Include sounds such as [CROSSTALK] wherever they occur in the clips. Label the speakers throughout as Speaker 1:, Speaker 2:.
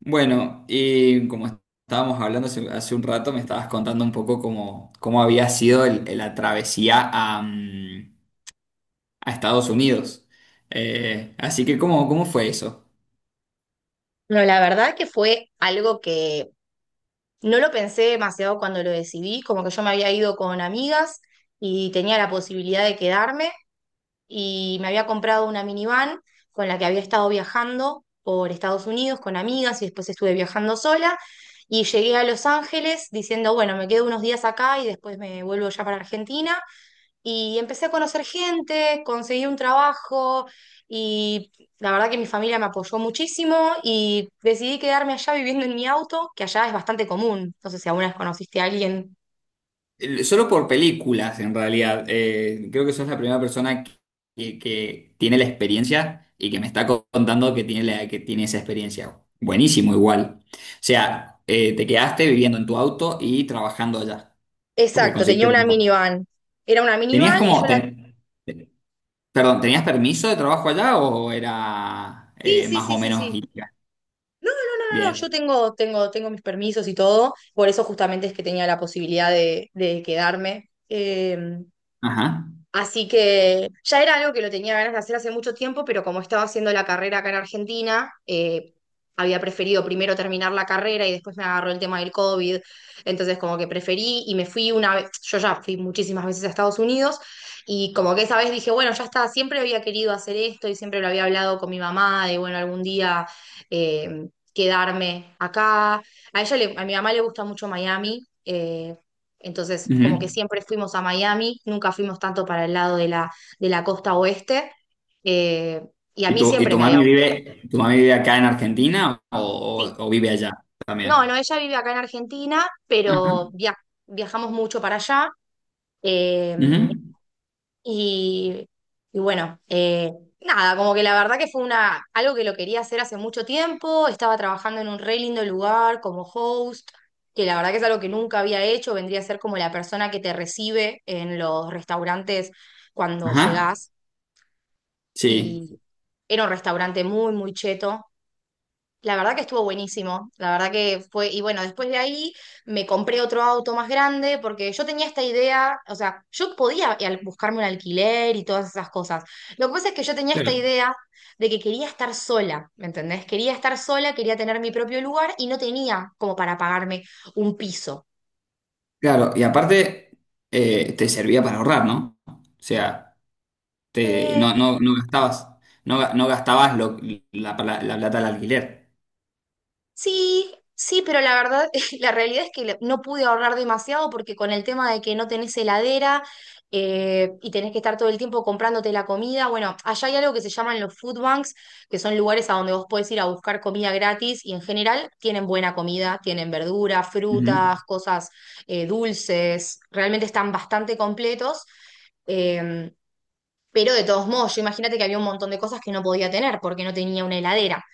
Speaker 1: Bueno, y como estábamos hablando hace un rato, me estabas contando un poco cómo había sido la travesía a Estados Unidos. Así que, ¿cómo fue eso?
Speaker 2: No, la verdad que fue algo que no lo pensé demasiado cuando lo decidí, como que yo me había ido con amigas y tenía la posibilidad de quedarme y me había comprado una minivan con la que había estado viajando por Estados Unidos con amigas y después estuve viajando sola y llegué a Los Ángeles diciendo, bueno, me quedo unos días acá y después me vuelvo ya para Argentina y empecé a conocer gente, conseguí un trabajo y la verdad que mi familia me apoyó muchísimo y decidí quedarme allá viviendo en mi auto, que allá es bastante común. No sé si alguna vez conociste a alguien.
Speaker 1: Solo por películas, en realidad. Creo que sos la primera persona que tiene la experiencia y que me está contando que tiene esa experiencia. Buenísimo, igual. O sea, te quedaste viviendo en tu auto y trabajando allá, porque
Speaker 2: Exacto, tenía
Speaker 1: conseguiste
Speaker 2: una
Speaker 1: trabajo.
Speaker 2: minivan. Era una
Speaker 1: Tenías
Speaker 2: minivan y yo
Speaker 1: como...
Speaker 2: la...
Speaker 1: ten- Perdón, ¿tenías permiso de trabajo allá o era
Speaker 2: Sí, sí,
Speaker 1: más
Speaker 2: sí,
Speaker 1: o
Speaker 2: sí,
Speaker 1: menos
Speaker 2: sí.
Speaker 1: ilegal?
Speaker 2: No, no, no, no, no, yo
Speaker 1: Bien.
Speaker 2: tengo mis permisos y todo. Por eso justamente es que tenía la posibilidad de quedarme.
Speaker 1: Ajá.
Speaker 2: Así que ya era algo que lo tenía ganas de hacer hace mucho tiempo, pero como estaba haciendo la carrera acá en Argentina, había preferido primero terminar la carrera y después me agarró el tema del COVID. Entonces como que preferí y me fui una vez, yo ya fui muchísimas veces a Estados Unidos y como que esa vez dije, bueno, ya está, siempre había querido hacer esto y siempre lo había hablado con mi mamá de, bueno, algún día eh, quedarme acá. A mi mamá le gusta mucho Miami. Entonces, como
Speaker 1: Ujú.
Speaker 2: que siempre fuimos a Miami, nunca fuimos tanto para el lado de la costa oeste. eh, y a mí
Speaker 1: Y
Speaker 2: siempre me había gustado.
Speaker 1: tu mami vive acá en Argentina o,
Speaker 2: Sí.
Speaker 1: o vive allá
Speaker 2: No, no,
Speaker 1: también?
Speaker 2: ella vive acá en Argentina, pero
Speaker 1: Ajá.
Speaker 2: viajamos mucho para allá. eh,
Speaker 1: Ujú.
Speaker 2: Y, y bueno, nada, como que la verdad que fue una, algo que lo quería hacer hace mucho tiempo, estaba trabajando en un re lindo lugar como host, que la verdad que es algo que nunca había hecho, vendría a ser como la persona que te recibe en los restaurantes cuando
Speaker 1: Ajá.
Speaker 2: llegás,
Speaker 1: Sí.
Speaker 2: y era un restaurante muy, muy cheto, la verdad que estuvo buenísimo, la verdad que fue, y bueno, después de ahí me compré otro auto más grande porque yo tenía esta idea, o sea, yo podía buscarme un alquiler y todas esas cosas. Lo que pasa es que yo tenía esta
Speaker 1: Pero...
Speaker 2: idea de que quería estar sola, ¿me entendés? Quería estar sola, quería tener mi propio lugar y no tenía como para pagarme un piso.
Speaker 1: Claro, y aparte te servía para ahorrar, ¿no? O sea,
Speaker 2: Eh,
Speaker 1: no gastabas, no gastabas la plata del alquiler.
Speaker 2: Sí, sí, pero la verdad, [LAUGHS] la realidad es que no pude ahorrar demasiado porque con el tema de que no tenés heladera y tenés que estar todo el tiempo comprándote la comida, bueno, allá hay algo que se llaman los food banks, que son lugares a donde vos podés ir a buscar comida gratis y en general tienen buena comida, tienen verduras, frutas,
Speaker 1: Ujú.
Speaker 2: cosas dulces, realmente están bastante completos. Em, pero de todos modos, yo imagínate que había un montón de cosas que no podía tener porque no tenía una heladera.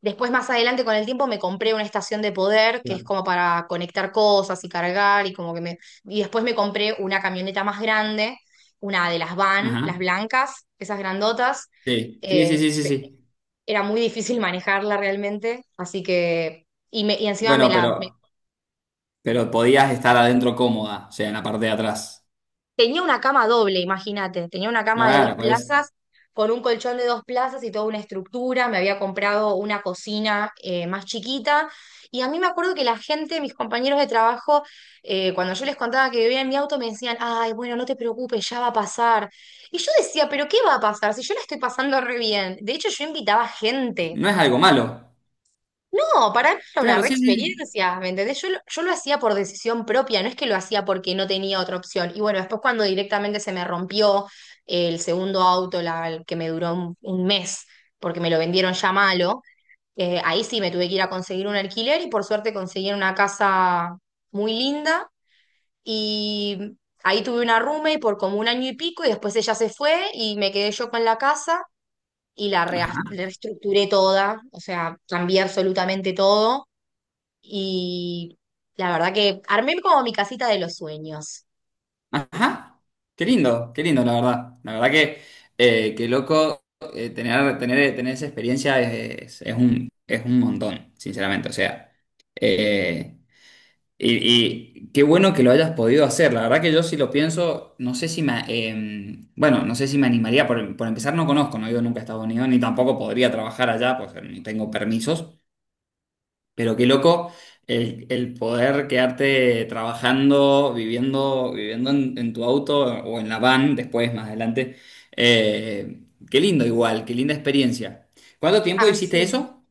Speaker 2: Después, más adelante, con el tiempo, me compré una estación de poder que es
Speaker 1: Claro.
Speaker 2: como para conectar cosas y cargar y como que me... Y después me compré una camioneta más grande, una de las van,
Speaker 1: Ajá.
Speaker 2: las blancas, esas grandotas.
Speaker 1: Sí, sí, sí,
Speaker 2: Eh,
Speaker 1: sí, sí, sí.
Speaker 2: Era muy difícil [LAUGHS] manejarla realmente, así que... Y encima me
Speaker 1: Bueno,
Speaker 2: la, me...
Speaker 1: pero podías estar adentro cómoda, o sea, en la parte de atrás.
Speaker 2: Tenía una cama doble, imagínate, tenía una cama de dos
Speaker 1: Claro, pues.
Speaker 2: plazas con un colchón de dos plazas y toda una estructura, me había comprado una cocina más chiquita y a mí me acuerdo que la gente, mis compañeros de trabajo, cuando yo les contaba que vivía en mi auto me decían, ay, bueno, no te preocupes, ya va a pasar. Y yo decía, pero ¿qué va a pasar si yo la estoy pasando re bien? De hecho, yo invitaba gente,
Speaker 1: No es algo malo.
Speaker 2: no, para mí era una
Speaker 1: Claro,
Speaker 2: re
Speaker 1: sí, sí.
Speaker 2: experiencia, ¿me entendés? Yo lo hacía por decisión propia, no es que lo hacía porque no tenía otra opción. Y bueno, después cuando directamente se me rompió el segundo auto, la, el que me duró un mes, porque me lo vendieron ya malo, ahí sí me tuve que ir a conseguir un alquiler y por suerte conseguí una casa muy linda y ahí tuve una roommate por como un año y pico y después ella se fue y me quedé yo con la casa y la
Speaker 1: Ajá,
Speaker 2: reestructuré toda, o sea, cambié absolutamente todo y la verdad que armé como mi casita de los sueños.
Speaker 1: ajá. Qué lindo, la verdad. La verdad que, qué loco, tener esa experiencia es un montón, sinceramente. O sea, eh, y, y qué bueno que lo hayas podido hacer. La verdad que yo si lo pienso, no sé si me, bueno, no sé si me animaría. Por empezar, no conozco, no he ido nunca a Estados Unidos, ni tampoco podría trabajar allá, pues ni tengo permisos. Pero qué loco el poder quedarte trabajando, viviendo en tu auto o en la van después, más adelante. Eh, qué lindo igual, qué linda experiencia. ¿Cuánto tiempo
Speaker 2: Ah,
Speaker 1: hiciste
Speaker 2: sí.
Speaker 1: eso?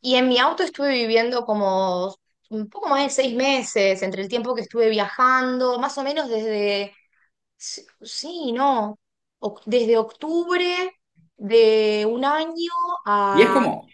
Speaker 2: Y en mi auto estuve viviendo como un poco más de 6 meses, entre el tiempo que estuve viajando, más o menos desde, sí, sí, no, desde octubre de un año
Speaker 1: ¿Y es
Speaker 2: a,
Speaker 1: como?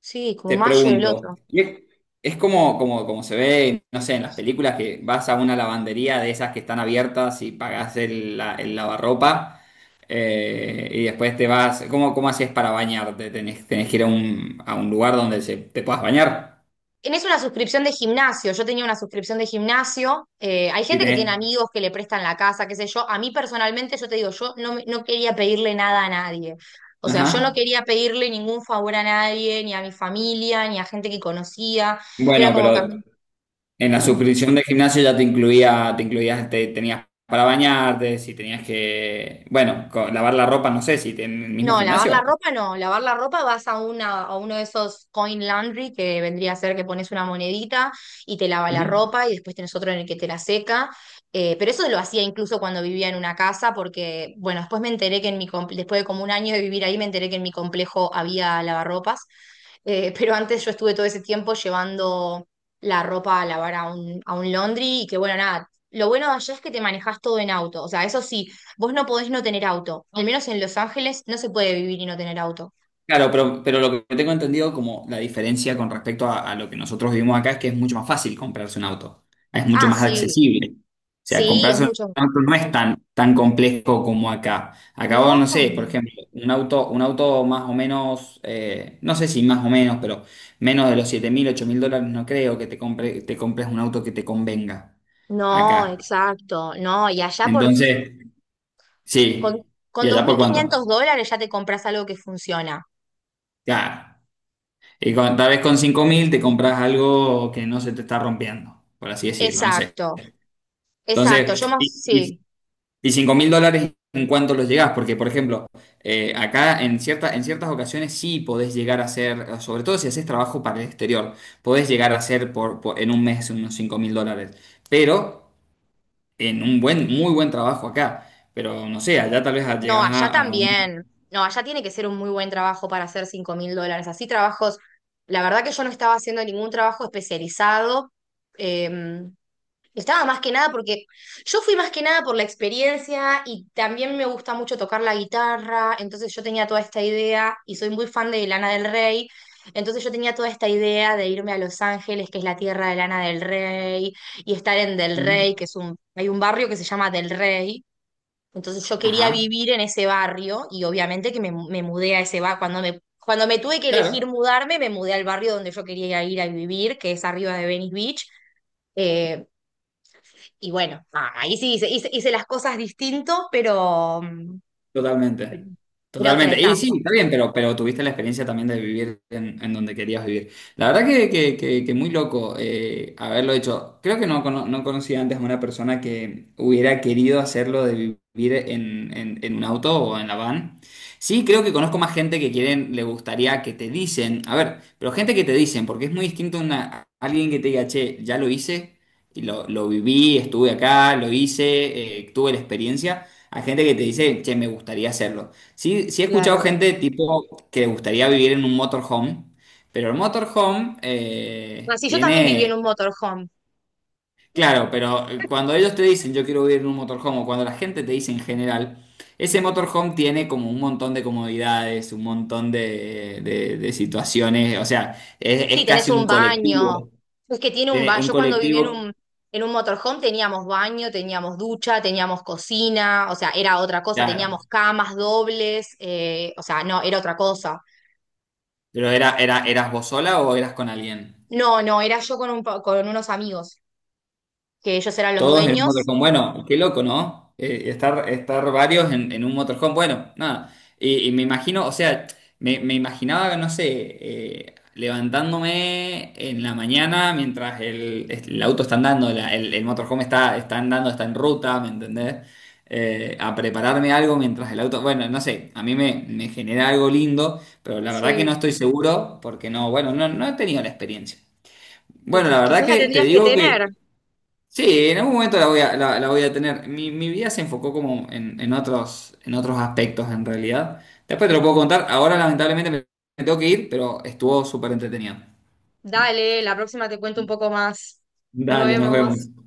Speaker 2: sí, como
Speaker 1: Te
Speaker 2: mayo del
Speaker 1: pregunto,
Speaker 2: otro.
Speaker 1: y es como, como se ve, no sé, en las películas que vas a una lavandería de esas que están abiertas y pagás el lavarropa y después te vas. ¿Cómo haces para bañarte? ¿Tenés que ir a un lugar donde te puedas bañar?
Speaker 2: Tenés una suscripción de gimnasio. Yo tenía una suscripción de gimnasio. Hay
Speaker 1: Y
Speaker 2: gente que tiene
Speaker 1: tenés,
Speaker 2: amigos que le prestan la casa, qué sé yo. A mí personalmente, yo te digo, yo no, no quería pedirle nada a nadie. O sea,
Speaker 1: ajá.
Speaker 2: yo no quería pedirle ningún favor a nadie, ni a mi familia, ni a gente que conocía. Era
Speaker 1: Bueno,
Speaker 2: como que a
Speaker 1: pero en la
Speaker 2: mí...
Speaker 1: suscripción del gimnasio ya te incluía, te incluías, te tenías para bañarte, si tenías que, bueno, lavar la ropa, no sé, si en el mismo
Speaker 2: No, lavar la
Speaker 1: gimnasio.
Speaker 2: ropa no. Lavar la ropa vas a, una, a uno de esos coin laundry que vendría a ser que pones una monedita y te lava la
Speaker 1: Ujú.
Speaker 2: ropa y después tenés otro en el que te la seca. Pero eso lo hacía incluso cuando vivía en una casa porque, bueno, después me enteré que en mi, después de como un año de vivir ahí, me enteré que en mi complejo había lavarropas. [LAUGHS] Pero antes yo estuve todo ese tiempo llevando la ropa a lavar a un laundry y que bueno, nada, lo bueno de allá es que te manejas todo en auto, o sea, eso sí, vos no podés no tener auto. Al menos en Los Ángeles no se puede vivir y no tener auto.
Speaker 1: Claro, pero lo que tengo entendido como la diferencia con respecto a lo que nosotros vivimos acá es que es mucho más fácil comprarse un auto, es mucho
Speaker 2: Ah,
Speaker 1: más
Speaker 2: sí,
Speaker 1: accesible. O sea,
Speaker 2: sí, es
Speaker 1: comprarse un
Speaker 2: mucho.
Speaker 1: auto no es tan complejo como acá. Acá vos,
Speaker 2: No,
Speaker 1: no sé, por ejemplo, un auto más o menos, no sé si más o menos, pero menos de los 7.000, 8.000 dólares no creo que te compres un auto que te convenga
Speaker 2: no,
Speaker 1: acá.
Speaker 2: exacto, no, y allá
Speaker 1: Entonces,
Speaker 2: con,
Speaker 1: sí. ¿Y
Speaker 2: con dos
Speaker 1: allá por
Speaker 2: mil
Speaker 1: cuánto?
Speaker 2: quinientos dólares ya te compras algo que funciona.
Speaker 1: Claro. Y tal vez con 5.000 te compras algo que no se te está rompiendo, por así decirlo, no sé.
Speaker 2: Exacto, exacto, yo
Speaker 1: Entonces,
Speaker 2: más,
Speaker 1: y, y,
Speaker 2: sí.
Speaker 1: y 5 mil dólares, ¿en cuánto los llegás? Porque, por ejemplo, acá en ciertas ocasiones sí podés llegar a hacer, sobre todo si haces trabajo para el exterior, podés llegar a hacer en un mes unos 5.000 dólares, pero en muy buen trabajo acá. Pero no sé, allá tal vez
Speaker 2: No,
Speaker 1: llegás
Speaker 2: allá
Speaker 1: a un...
Speaker 2: también. No, allá tiene que ser un muy buen trabajo para hacer 5000 dólares. Así trabajos, la verdad que yo no estaba haciendo ningún trabajo especializado. eh, Estaba más que nada porque yo fui más que nada por la experiencia y también me gusta mucho tocar la guitarra. Entonces yo tenía toda esta idea y soy muy fan de Lana del Rey. Entonces yo tenía toda esta idea de irme a Los Ángeles, que es la tierra de Lana del Rey, y estar en Del
Speaker 1: Ujú.
Speaker 2: Rey, que es un, hay un barrio que se llama Del Rey, entonces yo quería
Speaker 1: Ajá,
Speaker 2: vivir en ese barrio y obviamente que me mudé a ese barrio. Cuando me tuve que elegir
Speaker 1: claro.
Speaker 2: mudarme, me mudé al barrio donde yo quería ir a vivir, que es arriba de Venice Beach. Eh, y bueno, nada, ahí sí hice, hice las cosas distinto, pero
Speaker 1: Totalmente,
Speaker 2: era otra
Speaker 1: totalmente. Y
Speaker 2: etapa.
Speaker 1: sí, está bien, pero tuviste la experiencia también de vivir en donde querías vivir. La verdad que, que muy loco haberlo hecho. Creo que no conocía antes a una persona que hubiera querido hacerlo de vivir en un auto o en la van. Sí, creo que conozco más gente que quieren, le gustaría que te dicen, a ver, pero gente que te dicen, porque es muy distinto una, alguien que te diga, che, ya lo hice. Y lo viví, estuve acá, lo hice, tuve la experiencia. Hay gente que te dice, che, me gustaría hacerlo. Sí, sí he escuchado
Speaker 2: Claro.
Speaker 1: gente tipo que le gustaría vivir en un motorhome, pero el motorhome
Speaker 2: Así yo también viví en
Speaker 1: tiene,
Speaker 2: un motorhome.
Speaker 1: claro, pero cuando ellos te dicen yo quiero vivir en un motorhome o cuando la gente te dice en general, ese motorhome tiene como un montón de comodidades, un montón de situaciones, o sea, es
Speaker 2: Sí, tenés
Speaker 1: casi
Speaker 2: un
Speaker 1: un
Speaker 2: baño.
Speaker 1: colectivo,
Speaker 2: Es que tiene un
Speaker 1: tiene
Speaker 2: baño.
Speaker 1: un
Speaker 2: Yo cuando viví en
Speaker 1: colectivo,
Speaker 2: un, en un motorhome teníamos baño, teníamos ducha, teníamos cocina, o sea, era otra cosa,
Speaker 1: claro,
Speaker 2: teníamos camas dobles, o sea, no, era otra cosa.
Speaker 1: pero era, ¿eras vos sola o eras con alguien?
Speaker 2: No, no, era yo con unos amigos, que ellos eran los
Speaker 1: Todos en un
Speaker 2: dueños.
Speaker 1: motorhome. Bueno, qué loco, ¿no? Estar, varios en un motorhome. Bueno, nada. Y me imagino, o sea, me imaginaba, no sé, levantándome en la mañana mientras el auto está andando, el motorhome está andando, está en ruta, ¿me entendés? A prepararme algo mientras el auto. Bueno, no sé, a mí me genera algo lindo, pero la verdad que no
Speaker 2: Sí,
Speaker 1: estoy seguro porque bueno, no he tenido la experiencia.
Speaker 2: y
Speaker 1: Bueno, la verdad
Speaker 2: quizás la
Speaker 1: que te
Speaker 2: tendrías que
Speaker 1: digo.
Speaker 2: tener.
Speaker 1: Sí, en algún momento la voy a tener. Mi vida se enfocó como en otros aspectos en realidad. Después te lo puedo contar. Ahora lamentablemente me tengo que ir, pero estuvo súper entretenido.
Speaker 2: Dale, la próxima te cuento un poco más. Nos
Speaker 1: Dale, nos
Speaker 2: vemos.
Speaker 1: vemos.